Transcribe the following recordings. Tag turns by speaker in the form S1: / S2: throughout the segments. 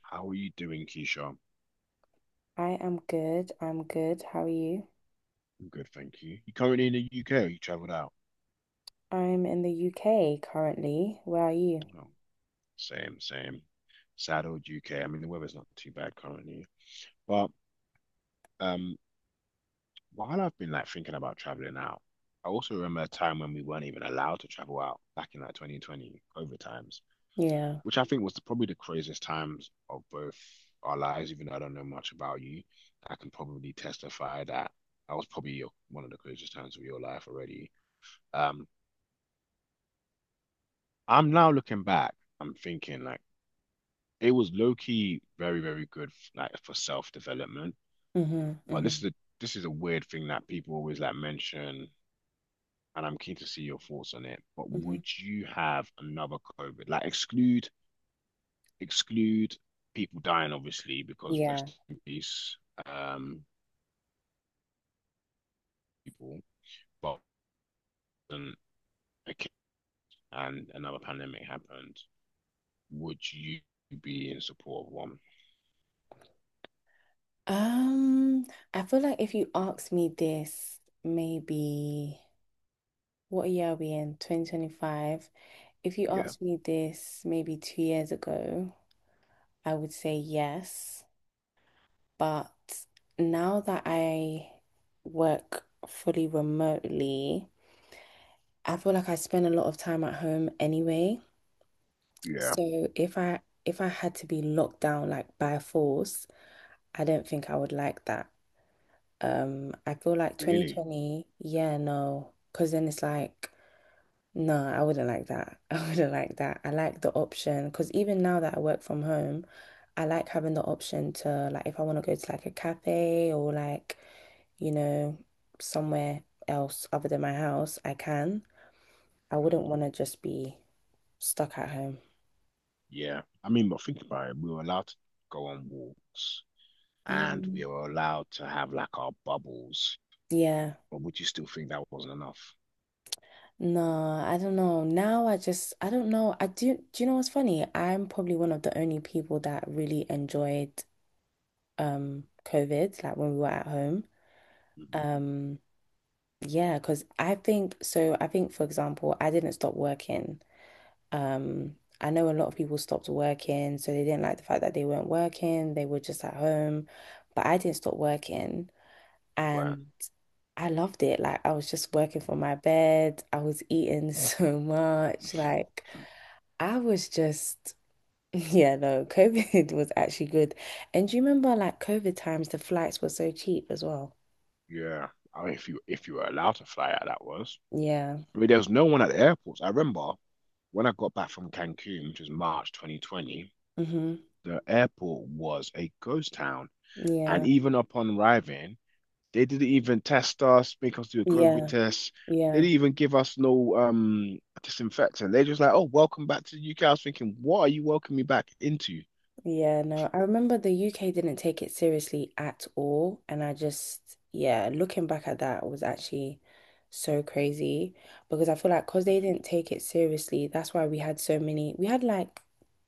S1: How are you doing, Keyshawn?
S2: I am good. I'm good. How are you?
S1: I'm good, thank you. You currently in the UK or you travelled out?
S2: I'm in the UK currently. Where are you?
S1: Oh, same, same. Sad old UK. I mean, the weather's not too bad currently. But um, while I've been like thinking about travelling out, I also remember a time when we weren't even allowed to travel out back in like 2020 COVID times,
S2: Yeah.
S1: which I think was probably the craziest times of both our lives, even though I don't know much about you. I can probably testify that that was probably one of the craziest times of your life already. Um, I'm now looking back, I'm thinking like it was low key very, very good like for self-development.
S2: Mm-hmm.
S1: But
S2: Mm-hmm.
S1: this is a weird thing that people always like mention, and I'm keen to see your thoughts on it. But
S2: Mm-hmm.
S1: would you have another COVID? Like exclude people dying, obviously, because
S2: Yeah.
S1: rest in peace, um, people. But um, okay, and another pandemic happened. Would you be in support of one?
S2: Um, I feel like if you asked me this, maybe what year are we in? 2025. If you
S1: Yeah,
S2: asked me this maybe 2 years ago, I would say yes. But now that I work fully remotely, I feel like I spend a lot of time at home anyway.
S1: yeah,
S2: So if I had to be locked down like by force, I don't think I would like that. I feel like
S1: really.
S2: 2020, yeah, no, because then it's like, no, I wouldn't like that. I wouldn't like that. I like the option because even now that I work from home, I like having the option to like if I want to go to like a cafe or like, you know, somewhere else other than my house, I can. I wouldn't want to just be stuck at home.
S1: Yeah. I mean, but think about it. We were allowed to go on walks and
S2: Mm.
S1: we were allowed to have like our bubbles.
S2: Yeah.
S1: But would you still think that wasn't enough?
S2: No, I don't know. Now I don't know. I do Do you know what's funny? I'm probably one of the only people that really enjoyed COVID, like when we were at home.
S1: Mhm.
S2: Um yeah, 'cause I think for example, I didn't stop working. I know a lot of people stopped working, so they didn't like the fact that they weren't working, they were just at home, but I didn't stop working
S1: Right.
S2: and I loved it. Like I was just working from my bed. I was eating so much like I was just, yeah, no, COVID was actually good. And do you remember like COVID times, the flights were so cheap as well?
S1: Yeah. I mean, if you were allowed to fly out, that was.
S2: Yeah.
S1: I mean, there was no one at the airports. I remember when I got back from Cancun, which was March 2020,
S2: Hmm.
S1: the airport was a ghost town. And
S2: Yeah.
S1: even upon arriving, they didn't even test us, make us do a COVID
S2: Yeah.
S1: test. They
S2: Yeah.
S1: didn't even give us no disinfectant. They're just like, oh, welcome back to the UK. I was thinking, what are you welcoming me back into?
S2: Yeah. No, I remember the UK didn't take it seriously at all. And I just, yeah, looking back at that was actually so crazy because I feel like because they didn't take it seriously, that's why we had so many, we had like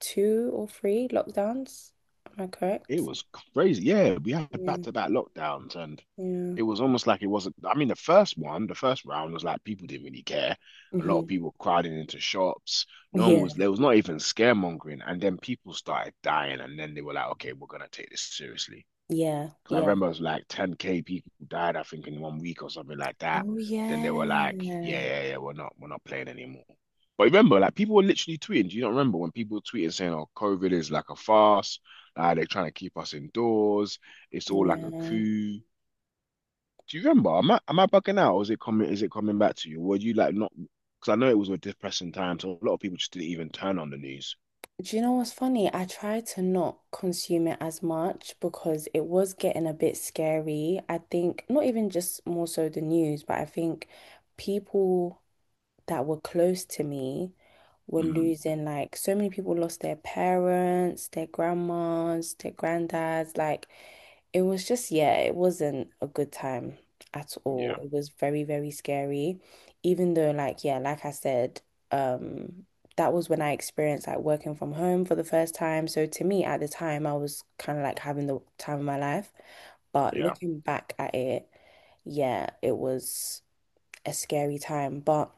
S2: two or three lockdowns. Am I
S1: It
S2: correct?
S1: was crazy. Yeah, we had
S2: Yeah.
S1: back-to-back lockdowns and
S2: Yeah.
S1: it was almost like it wasn't. I mean, the first one, the first round was like people didn't really care. A lot of
S2: Mm-hmm.
S1: people crowding into shops. No one
S2: Yeah.
S1: was, there was not even scaremongering. And then people started dying. And then they were like, okay, we're gonna take this seriously.
S2: Yeah,
S1: Because I
S2: yeah.
S1: remember it was like 10K people died, I think, in one week or something like that.
S2: Oh
S1: Then they
S2: yeah.
S1: were like, yeah, yeah, yeah, we're not playing anymore. But remember, like people were literally tweeting. Do you not remember when people were tweeting saying, oh, COVID is like a farce, they're trying to keep us indoors, it's all like a
S2: Yeah.
S1: coup. Do you remember? Am I bugging out or is it coming back to you? Were you like not because I know it was a depressing time, so a lot of people just didn't even turn on the news.
S2: Do you know what's funny? I tried to not consume it as much because it was getting a bit scary. I think not even just more so the news, but I think people that were close to me were
S1: Mm,
S2: losing, like so many people lost their parents, their grandmas, their granddads. Like it was just, yeah, it wasn't a good time at all.
S1: yeah,
S2: It was very, very scary. Even though, like, yeah, like I said, um, that was when I experienced like working from home for the first time. So to me at the time, I was kind of like having the time of my life. But
S1: yeah.
S2: looking back at it, yeah, it was a scary time. But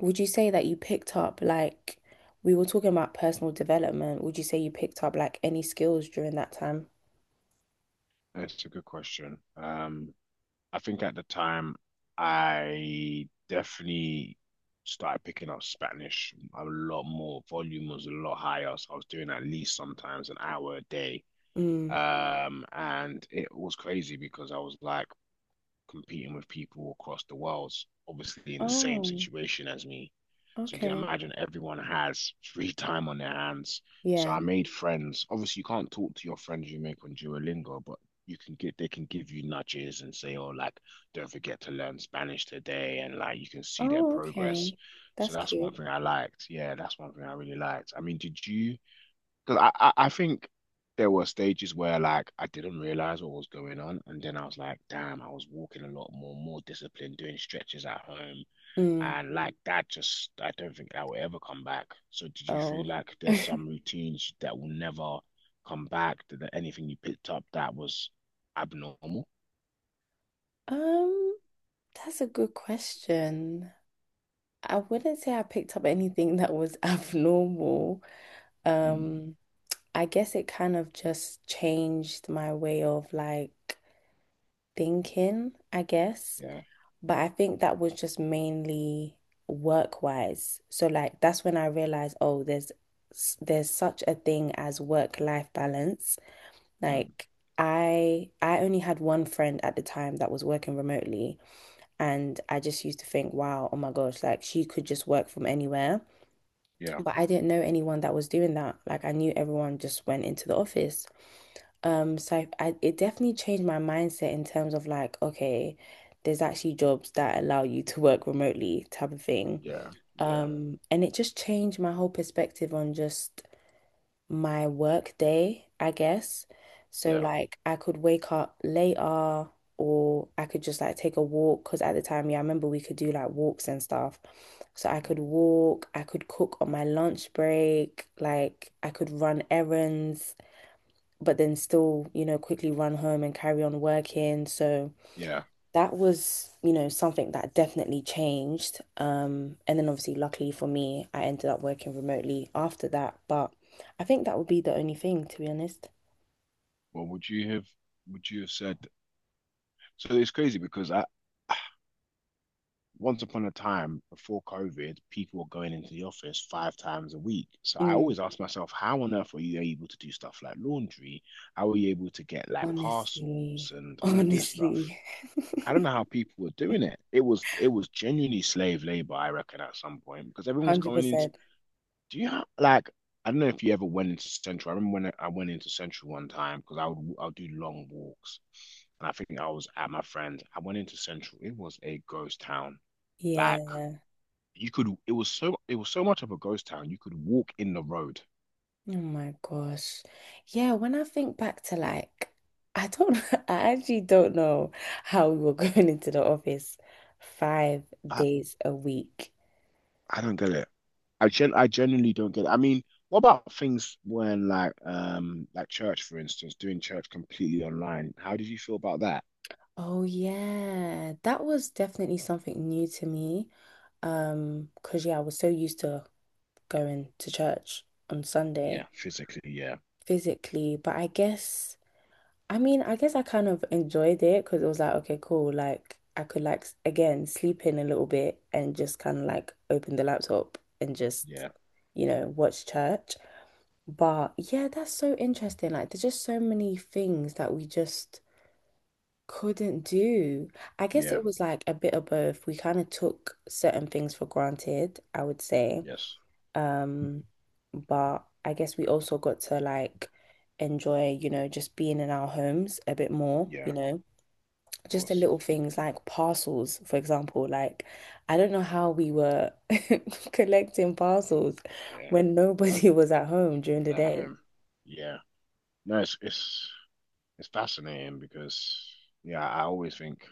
S2: would you say that you picked up like, we were talking about personal development, would you say you picked up like any skills during that time?
S1: That's a good question. I think at the time I definitely started picking up Spanish a lot more. Volume was a lot higher, so I was doing at least sometimes an hour a day.
S2: Mm.
S1: And it was crazy because I was like, competing with people across the world, obviously in the same
S2: Oh,
S1: situation as me. So you can
S2: okay.
S1: imagine everyone has free time on their hands. So
S2: Yeah.
S1: I made friends. Obviously, you can't talk to your friends you make on Duolingo, but you can get they can give you nudges and say, oh, like, don't forget to learn Spanish today, and like you can see their
S2: Oh,
S1: progress.
S2: okay.
S1: So
S2: That's
S1: that's one
S2: cute.
S1: thing I liked. Yeah, that's one thing I really liked. I mean, did you because I think there were stages where like I didn't realize what was going on, and then I was like, damn, I was walking a lot more, more disciplined, doing stretches at home,
S2: Mm.
S1: and like that just I don't think that will ever come back. So did you feel
S2: Oh.
S1: like there's some routines that will never come back? Did there anything you picked up that was abnormal?
S2: Um, that's a good question. I wouldn't say I picked up anything that was abnormal.
S1: Mm,
S2: Um, I guess it kind of just changed my way of like thinking, I guess.
S1: yeah,
S2: But I think that was just mainly work wise. So like that's when I realized, oh, there's such a thing as work life balance.
S1: Mm,
S2: Like I only had one friend at the time that was working remotely and I just used to think, wow, oh my gosh, like she could just work from anywhere.
S1: yeah,
S2: But I didn't know anyone that was doing that. Like I knew everyone just went into the office. Um, so I, it definitely changed my mindset in terms of like, okay, there's actually jobs that allow you to work remotely type of thing.
S1: yeah, yeah,
S2: And it just changed my whole perspective on just my work day, I guess. So
S1: yeah,
S2: like I could wake up later or I could just like take a walk because at the time, yeah, I remember we could do like walks and stuff. So I
S1: mm,
S2: could walk, I could cook on my lunch break, like I could run errands, but then still, you know, quickly run home and carry on working. So
S1: yeah.
S2: that was, you know, something that definitely changed. And then obviously, luckily for me, I ended up working remotely after that. But I think that would be the only thing, to be honest.
S1: Well, would you have said? So it's crazy because I. Once upon a time before COVID, people were going into the office five times a week. So I
S2: Mm.
S1: always ask myself, how on earth are you able to do stuff like laundry? How are you able to get like parcels
S2: honestly,
S1: and all this stuff?
S2: Honestly,
S1: I don't know how people were doing it. It was genuinely slave labor, I reckon, at some point because everyone's coming into.
S2: 100%.
S1: Do you have like I don't know if you ever went into Central. I remember when I went into Central one time because I would do long walks, and I think I was at my friend. I went into Central. It was a ghost town. Like
S2: Yeah.
S1: you could. It was so much of a ghost town. You could walk in the road.
S2: Oh my gosh. Yeah, when I think back to like, I don't, I actually don't know how we were going into the office five
S1: I,
S2: days a week.
S1: I don't get it. I genuinely don't get it. I mean, what about things when like church, for instance, doing church completely online? How did you feel about that?
S2: Oh yeah, that was definitely something new to me. 'Cause yeah, I was so used to going to church on
S1: Yeah,
S2: Sunday
S1: physically. Yeah.
S2: physically, but I guess. I mean, I guess I kind of enjoyed it because it was like, okay, cool. Like I could like again sleep in a little bit and just kind of like open the laptop and just,
S1: Yeah.
S2: you know, watch church. But yeah, that's so interesting. Like there's just so many things that we just couldn't do. I guess
S1: Yeah.
S2: it was like a bit of both. We kind of took certain things for granted, I would say.
S1: Yes.
S2: Um, but I guess we also got to like enjoy, you know, just being in our homes a bit more,
S1: Yeah.
S2: you
S1: Of
S2: know, just the
S1: course.
S2: little things like parcels, for example. Like, I don't know how we were collecting parcels
S1: Yeah.
S2: when nobody was at home during
S1: At
S2: the
S1: that
S2: day.
S1: home. Yeah. No, it's fascinating because yeah, I always think,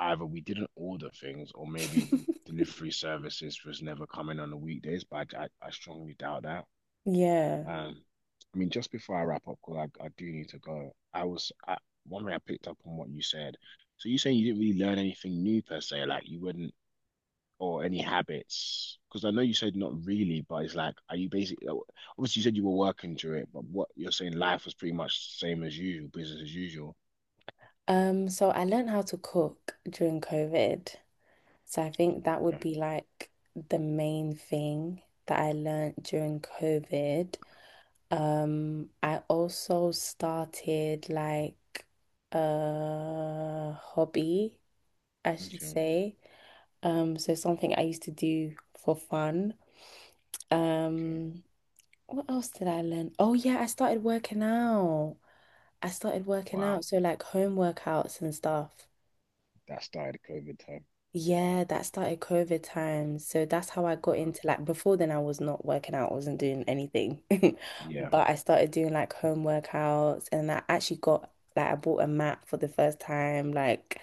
S1: either we didn't order things or maybe delivery services was never coming on the weekdays, but I strongly doubt that.
S2: Yeah.
S1: Um, I mean, just before I wrap up, because I do need to go, one way I picked up on what you said. So you saying you didn't really learn anything new per se, like you wouldn't, or any habits? Because I know you said not really, but it's like, are you basically, obviously you said you were working through it, but what you're saying, life was pretty much same as usual, business as usual.
S2: So I learned how to cook during COVID. So I think that would
S1: Okay,
S2: be like the main thing that I learned during COVID. I also started like a hobby, I should
S1: okay,
S2: say. So something I used to do for fun.
S1: okay.
S2: Um, what else did I learn? Oh yeah, I started working out. I started working out,
S1: Wow,
S2: so like home workouts and stuff.
S1: that started COVID time.
S2: Yeah, that started COVID times. So that's how I got
S1: Uh,
S2: into like before then I was not working out, I wasn't doing anything.
S1: Yeah.
S2: But I started doing like home workouts and I actually got like I bought a mat for the first time. Like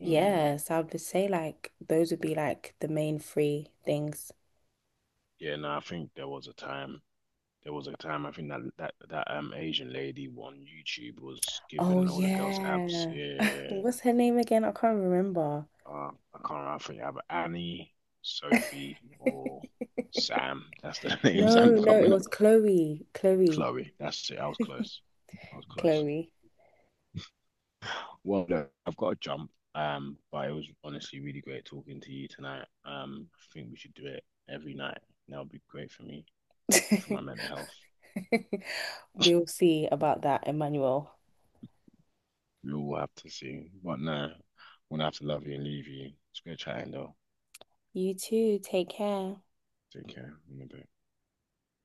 S1: Mm.
S2: yeah, so I would say like those would be like the main three things.
S1: Yeah, no, I think there was a time. There was a time I think that Asian lady on YouTube was
S2: Oh
S1: giving all the girls abs.
S2: yeah.
S1: Yeah, yeah, yeah.
S2: What's her name again? I can't remember.
S1: I can't remember. I think either Annie, Sophie, or Sam. That's the names
S2: No,
S1: I'm
S2: no, it
S1: coming up.
S2: was Chloe. Chloe.
S1: Chloe. That's it. I was close. I was close.
S2: Chloe.
S1: Well, look, I've got to jump. But it was honestly really great talking to you tonight. I think we should do it every night. That would be great for me, for my mental health.
S2: We'll see about that, Emmanuel.
S1: We all have to see. But no, I'm gonna have to love you and leave you. It's great chatting though.
S2: You too. Take care.
S1: Take care. In a bit.